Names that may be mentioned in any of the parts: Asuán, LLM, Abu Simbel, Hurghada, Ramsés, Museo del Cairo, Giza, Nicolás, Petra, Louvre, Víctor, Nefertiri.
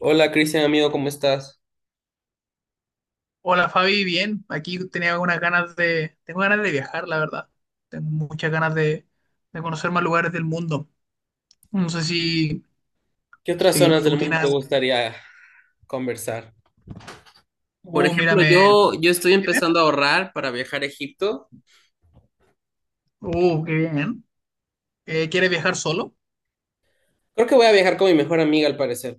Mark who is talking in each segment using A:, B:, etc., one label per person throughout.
A: Hola Cristian, amigo, ¿cómo estás?
B: Hola Fabi, bien. Aquí tenía algunas ganas de, tengo ganas de viajar, la verdad. Tengo muchas ganas de conocer más lugares del mundo. No sé si,
A: ¿Qué otras
B: si
A: zonas del
B: tú
A: mundo
B: tienes
A: te
B: alguna.
A: gustaría conversar? Por ejemplo,
B: Mírame.
A: yo estoy
B: ¿Dime?
A: empezando a ahorrar para viajar a Egipto.
B: Qué bien. ¿Quieres viajar solo?
A: Creo que voy a viajar con mi mejor amiga, al parecer.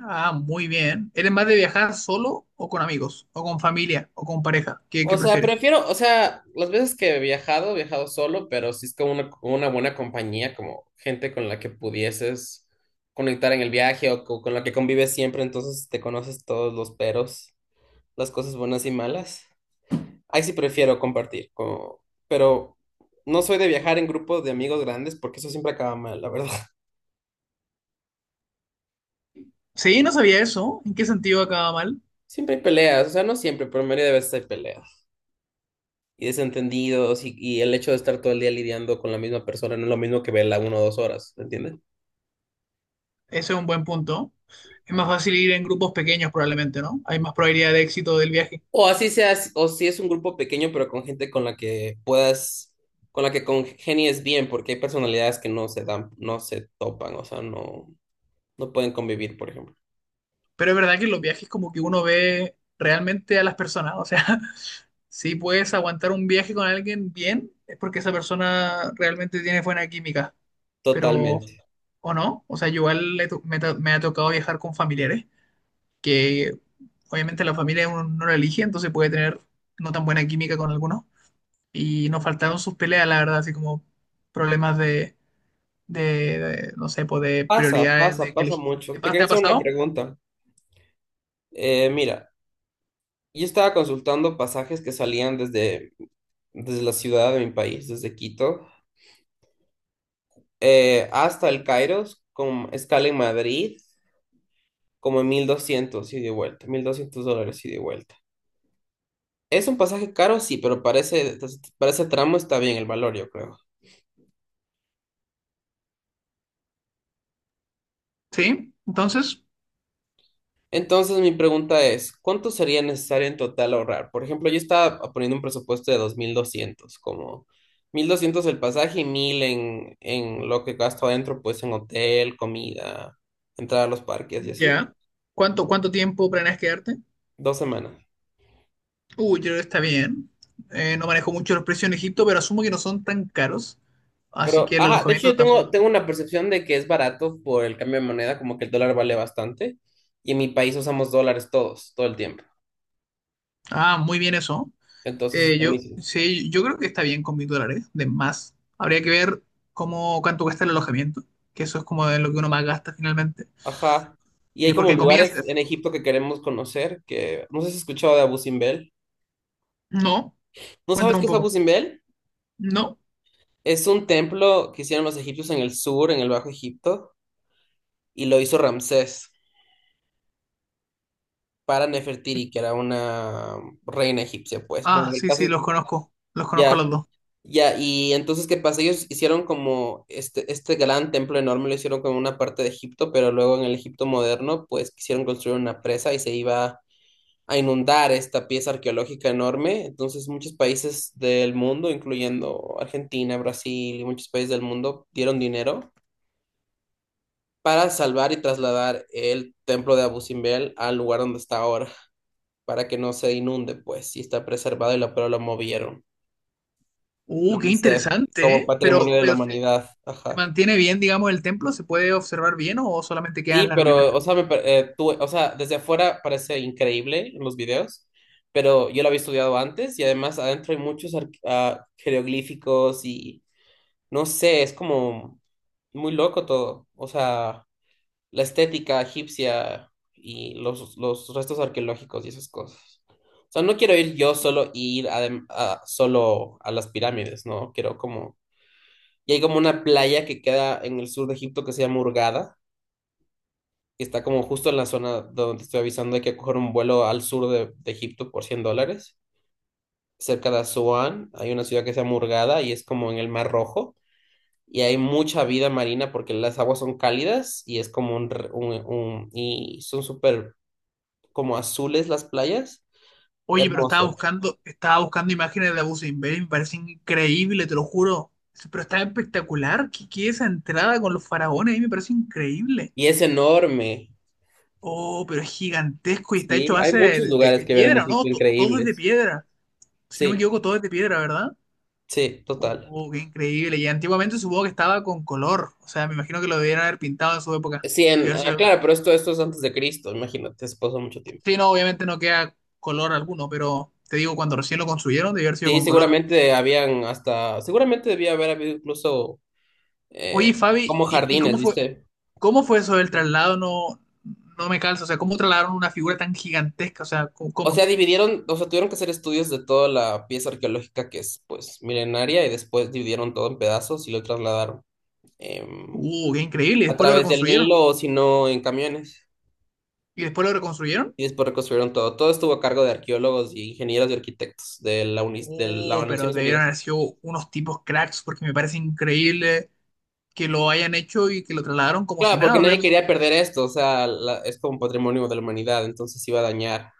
B: Ah, muy bien. ¿Eres más de viajar solo o con amigos? ¿O con familia? ¿O con pareja? Qué
A: O sea,
B: prefieres?
A: prefiero, o sea, las veces que he viajado solo, pero si es con una buena compañía, como gente con la que pudieses conectar en el viaje o con la que convives siempre, entonces te conoces todos los peros, las cosas buenas y malas. Ahí sí prefiero compartir, pero no soy de viajar en grupos de amigos grandes porque eso siempre acaba mal, la verdad.
B: Sí, no sabía eso. ¿En qué sentido acaba mal?
A: Siempre hay peleas, o sea, no siempre, pero la mayoría de veces hay peleas y desentendidos y el hecho de estar todo el día lidiando con la misma persona no es lo mismo que verla 1 o 2 horas, ¿me entiendes?
B: Ese es un buen punto. Es más fácil ir en grupos pequeños probablemente, ¿no? Hay más probabilidad de éxito del viaje.
A: O así seas, o si es un grupo pequeño pero con gente con la que puedas, con la que congenies bien, porque hay personalidades que no se dan, no se topan, o sea, no pueden convivir, por ejemplo.
B: Pero es verdad que en los viajes como que uno ve realmente a las personas. O sea, si puedes aguantar un viaje con alguien bien, es porque esa persona realmente tiene buena química. Pero,
A: Totalmente.
B: ¿o no? O sea, yo igual le to- me ha tocado viajar con familiares, que obviamente la familia uno no la elige, entonces puede tener no tan buena química con algunos. Y nos faltaron sus peleas, la verdad, así como problemas de, no sé, pues de
A: Pasa,
B: prioridades,
A: pasa,
B: de que
A: pasa
B: elegir.
A: mucho. Te
B: Te
A: quería
B: ha
A: hacer una
B: pasado?
A: pregunta. Mira, yo estaba consultando pasajes que salían desde la ciudad de mi país, desde Quito, hasta el Cairo, con escala en Madrid, como en 1.200 ida y de vuelta, $1.200 ida y de vuelta. Es un pasaje caro, sí, pero parece tramo está bien el valor, yo creo.
B: Sí, entonces...
A: Entonces mi pregunta es, ¿cuánto sería necesario en total ahorrar? Por ejemplo, yo estaba poniendo un presupuesto de 2.200, como 1.200 el pasaje y 1.000 en lo que gasto adentro, pues en hotel, comida, entrar a los parques y así,
B: Ya. Cuánto tiempo planeas quedarte?
A: 2 semanas.
B: Uy, yo creo que está bien. No manejo mucho los precios en Egipto, pero asumo que no son tan caros. Así
A: Pero,
B: que el
A: ajá, de hecho
B: alojamiento
A: yo
B: tampoco.
A: tengo una percepción de que es barato por el cambio de moneda, como que el dólar vale bastante y en mi país usamos dólares todos, todo el tiempo.
B: Ah, muy bien eso.
A: Entonces es buenísimo.
B: Sí, yo creo que está bien con $1000 de más. Habría que ver cómo, cuánto cuesta el alojamiento, que eso es como de lo que uno más gasta finalmente.
A: Ajá. Y hay
B: Porque
A: como
B: en comidas.
A: lugares en Egipto que queremos conocer, que no sé si has escuchado de Abu Simbel.
B: No,
A: ¿No sabes
B: cuéntame
A: qué
B: un
A: es
B: poco.
A: Abu Simbel?
B: No.
A: Es un templo que hicieron los egipcios en el sur, en el Bajo Egipto, y lo hizo Ramsés para Nefertiri, que era una reina egipcia, pues. Bueno,
B: Ah,
A: en el
B: sí, sí,
A: caso,
B: los conozco. Los conozco a los
A: ya,
B: dos.
A: ya. Y entonces, ¿qué pasa? Ellos hicieron como este gran templo enorme, lo hicieron como una parte de Egipto, pero luego en el Egipto moderno, pues quisieron construir una presa y se iba a inundar esta pieza arqueológica enorme. Entonces, muchos países del mundo, incluyendo Argentina, Brasil y muchos países del mundo, dieron dinero para salvar y trasladar el templo de Abu Simbel al lugar donde está ahora, para que no se inunde, pues, y está preservado y lo, pero lo movieron. La
B: Qué
A: UNICEF,
B: interesante,
A: como
B: ¿eh?
A: patrimonio de la
B: Pero sí,
A: humanidad.
B: ¿se
A: Ajá.
B: mantiene bien, digamos, el templo? ¿Se puede observar bien o solamente quedan
A: Sí,
B: las
A: pero,
B: ruinas?
A: o sea, o sea, desde afuera parece increíble en los videos, pero yo lo había estudiado antes y además adentro hay muchos jeroglíficos y no sé, es como muy loco todo. O sea, la estética egipcia y los restos arqueológicos y esas cosas. O sea, no quiero ir yo solo y ir solo a las pirámides, ¿no? Quiero como... Y hay como una playa que queda en el sur de Egipto que se llama Hurghada está como justo en la zona donde te estoy avisando, hay que coger un vuelo al sur de Egipto por $100. Cerca de Asuán hay una ciudad que se llama Hurghada y es como en el Mar Rojo. Y hay mucha vida marina porque las aguas son cálidas y es como un... y son súper como azules las playas,
B: Oye, pero
A: hermosas.
B: estaba buscando imágenes de Abu Simbel, me parece increíble, te lo juro. Pero está espectacular. Qué esa entrada con los faraones? Ahí me parece increíble.
A: Y es enorme,
B: Oh, pero es gigantesco y está hecho
A: ¿sí?
B: a
A: Hay
B: base
A: muchos lugares
B: de
A: que ver en
B: piedra, ¿no?
A: Egipto
B: Todo es de
A: increíbles.
B: piedra. Si no me
A: Sí,
B: equivoco, todo es de piedra, ¿verdad?
A: sí, total.
B: Oh, qué increíble. Y antiguamente supongo que estaba con color. O sea, me imagino que lo debieron haber pintado en su época.
A: Sí, en, ah, claro, pero esto es antes de Cristo, imagínate, eso pasó mucho tiempo.
B: Sí, no, obviamente no queda color alguno, pero te digo, cuando recién lo construyeron, debió haber sido
A: Sí,
B: con color.
A: seguramente habían hasta, seguramente debía haber habido incluso eh,
B: Oye, Fabi,
A: como
B: y
A: jardines, ¿viste?
B: cómo fue eso del traslado? No, no me calza, o sea, ¿cómo trasladaron una figura tan gigantesca? O sea, ¿cómo?
A: O
B: ¿cómo?
A: sea, dividieron, o sea, tuvieron que hacer estudios de toda la pieza arqueológica que es, pues, milenaria y después dividieron todo en pedazos y lo trasladaron em,
B: Qué increíble, y
A: a
B: después lo
A: través del
B: reconstruyeron.
A: Nilo o si no en camiones
B: ¿Y después lo reconstruyeron?
A: y después reconstruyeron todo. Todo estuvo a cargo de arqueólogos y ingenieros y arquitectos de la UNIS, de
B: Oh,
A: las
B: pero
A: Naciones
B: debieron
A: Unidas.
B: haber sido unos tipos cracks, porque me parece increíble que lo hayan hecho y que lo trasladaron como si
A: Claro, porque
B: nada. O sea,
A: nadie
B: no.
A: quería perder esto, o sea, es como un patrimonio de la humanidad, entonces se iba a dañar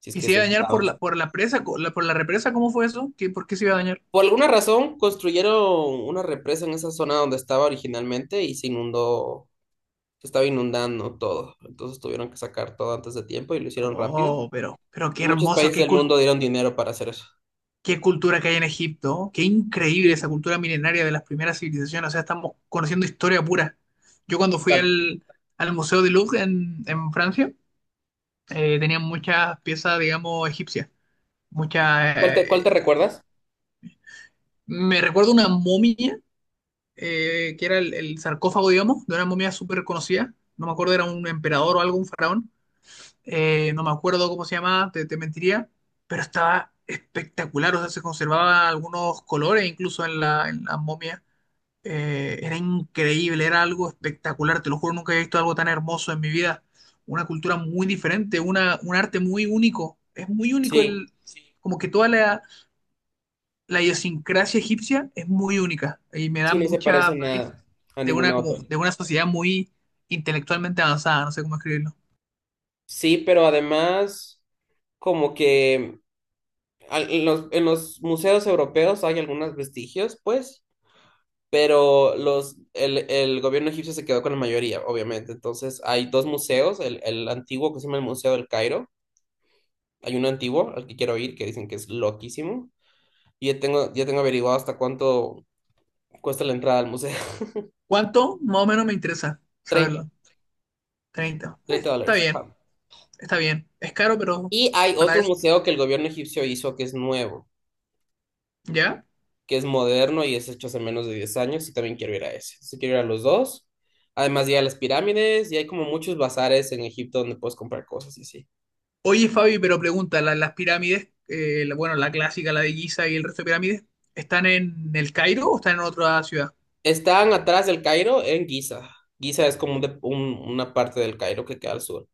A: si es
B: Y
A: que
B: se
A: se
B: iba a dañar
A: inundaba.
B: por la presa, por la represa, ¿cómo fue eso? ¿Qué, por qué se iba a dañar?
A: Por alguna razón construyeron una represa en esa zona donde estaba originalmente y se inundó, se estaba inundando todo. Entonces tuvieron que sacar todo antes de tiempo y lo hicieron rápido.
B: Oh, pero qué
A: Y muchos
B: hermoso,
A: países
B: qué
A: del mundo
B: cultura,
A: dieron dinero para hacer eso.
B: qué cultura que hay en Egipto, qué increíble esa cultura milenaria de las primeras civilizaciones, o sea, estamos conociendo historia pura. Yo cuando
A: ¿Qué
B: fui
A: tal?
B: al, al Museo de Louvre en Francia, tenían muchas piezas, digamos, egipcias, muchas...
A: Cuál te recuerdas?
B: me recuerdo una momia, que era el sarcófago, digamos, de una momia súper conocida, no me acuerdo, era un emperador o algo, un faraón, no me acuerdo cómo se llamaba, te mentiría, pero estaba espectacular, o sea, se conservaban algunos colores incluso en la momia. Era increíble, era algo espectacular, te lo juro, nunca había visto algo tan hermoso en mi vida. Una cultura muy diferente, una, un arte muy único. Es muy único
A: Sí,
B: el, como que toda la, la idiosincrasia egipcia es muy única y me da
A: sí, no se
B: mucha
A: parece en
B: vibe
A: nada a
B: de una,
A: ninguna
B: como,
A: otra.
B: de una sociedad muy intelectualmente avanzada, no sé cómo escribirlo.
A: Sí, pero además, como que al- en los museos europeos hay algunos vestigios, pues, pero los, el gobierno egipcio se quedó con la mayoría, obviamente. Entonces hay dos museos, el antiguo que se llama el Museo del Cairo. Hay uno antiguo al que quiero ir, que dicen que es loquísimo. Y ya tengo averiguado hasta cuánto cuesta la entrada al museo.
B: ¿Cuánto? Más o menos me interesa
A: 30
B: saberlo. 30.
A: 30
B: Está
A: dólares.
B: bien,
A: Ajá.
B: está bien. Es caro, pero
A: Y hay
B: para
A: otro
B: eso.
A: museo que el gobierno egipcio hizo que es nuevo,
B: ¿Ya?
A: que es moderno y es hecho hace menos de 10 años y también quiero ir a ese. Si quiero ir a los dos. Además, ya las pirámides y hay como muchos bazares en Egipto donde puedes comprar cosas y sí.
B: Oye, Fabi, pero pregunta, las pirámides, bueno, la clásica, la de Giza y el resto de pirámides, están en el Cairo o están en otra ciudad?
A: Están atrás del Cairo en Giza. Giza es como una parte del Cairo que queda al sur,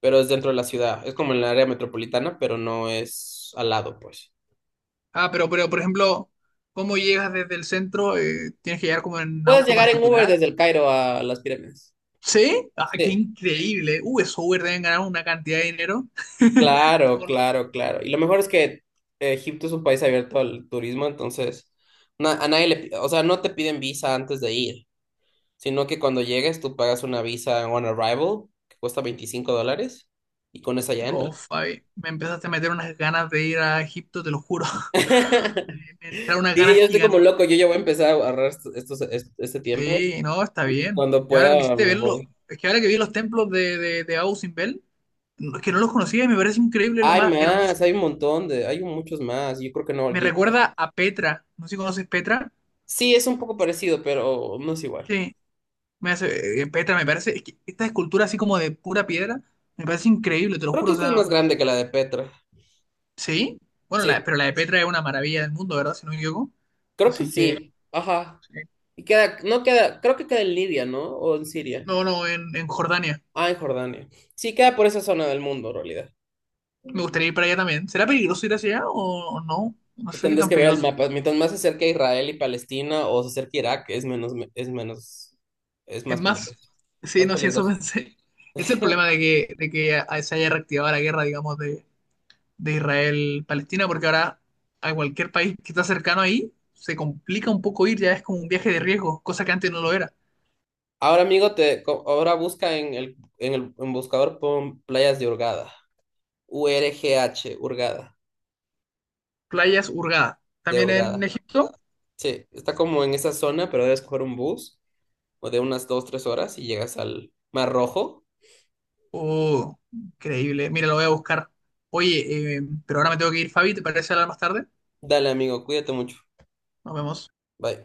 A: pero es dentro de la ciudad. Es como en el área metropolitana, pero no es al lado, pues.
B: Ah, pero por ejemplo, ¿cómo llegas desde el centro? ¿Tienes que llegar como en
A: Puedes
B: auto
A: llegar en Uber
B: particular?
A: desde el Cairo a las pirámides.
B: ¿Sí? Ah, qué
A: Sí,
B: increíble. Esos Uber deben ganar una cantidad de dinero.
A: claro, claro, claro. Y lo mejor es que Egipto es un país abierto al turismo, entonces a nadie o sea, no te piden visa antes de ir, sino que cuando llegues tú pagas una visa on arrival que cuesta $25 y con esa ya
B: Oh,
A: entras.
B: Fabi, me empezaste a meter unas ganas de ir a Egipto, te lo juro. Me entraron unas
A: Sí,
B: ganas
A: yo estoy como loco,
B: gigantes.
A: yo ya voy a empezar a agarrar este tiempo
B: Sí, no, está
A: y
B: bien.
A: cuando
B: Y ahora que me
A: pueda
B: hiciste
A: me
B: verlo,
A: voy.
B: es que ahora que vi los templos de Abu Simbel, no, es que no los conocía y me parece increíble, lo
A: Hay
B: más
A: más,
B: hermoso.
A: hay un montón de, hay muchos más, yo creo que no.
B: Me
A: Lleg-
B: recuerda a Petra. No sé si conoces Petra.
A: Sí, es un poco parecido, pero no es igual.
B: Sí, me hace, Petra me parece, es que esta escultura así como de pura piedra, me parece increíble, te lo
A: Creo que
B: juro. O
A: esta es
B: sea,
A: más
B: me-
A: grande que la de Petra.
B: sí, bueno, la,
A: Sí,
B: pero la de Petra es una maravilla del mundo, ¿verdad? Si no me equivoco.
A: creo que
B: Así que,
A: sí, ajá.
B: sí.
A: Y queda, no queda, creo que queda en Libia, ¿no? O en Siria.
B: No, no, en Jordania.
A: Ah, en Jordania. Sí, queda por esa zona del mundo, en realidad.
B: Me gustaría ir para allá también. ¿Será peligroso ir hacia allá o no? No sé qué
A: Tendrás
B: tan
A: que ver el
B: peligroso.
A: mapa. Mientras más se acerque a Israel y Palestina o se acerque a Irak, es menos, es menos, es
B: Es
A: más
B: más,
A: peligroso.
B: sí,
A: Más
B: no, sí, eso
A: peligroso.
B: pensé. Es el
A: Sí.
B: problema de que se haya reactivado la guerra, digamos, de Israel-Palestina, porque ahora a cualquier país que está cercano ahí se complica un poco ir, ya es como un viaje de riesgo, cosa que antes no lo era.
A: Ahora, amigo, ahora busca en el, en el en buscador pon playas de Hurgada. U-R-G-H, Hurgada,
B: Playas Hurgada,
A: de
B: también en
A: Hurgada.
B: Egipto.
A: Sí, está como en esa zona, pero debes coger un bus o de unas 2, 3 horas y llegas al Mar Rojo.
B: Oh, increíble. Mira, lo voy a buscar. Oye, pero ahora me tengo que ir, Fabi, ¿te parece hablar más tarde?
A: Dale, amigo, cuídate mucho.
B: Nos vemos.
A: Bye.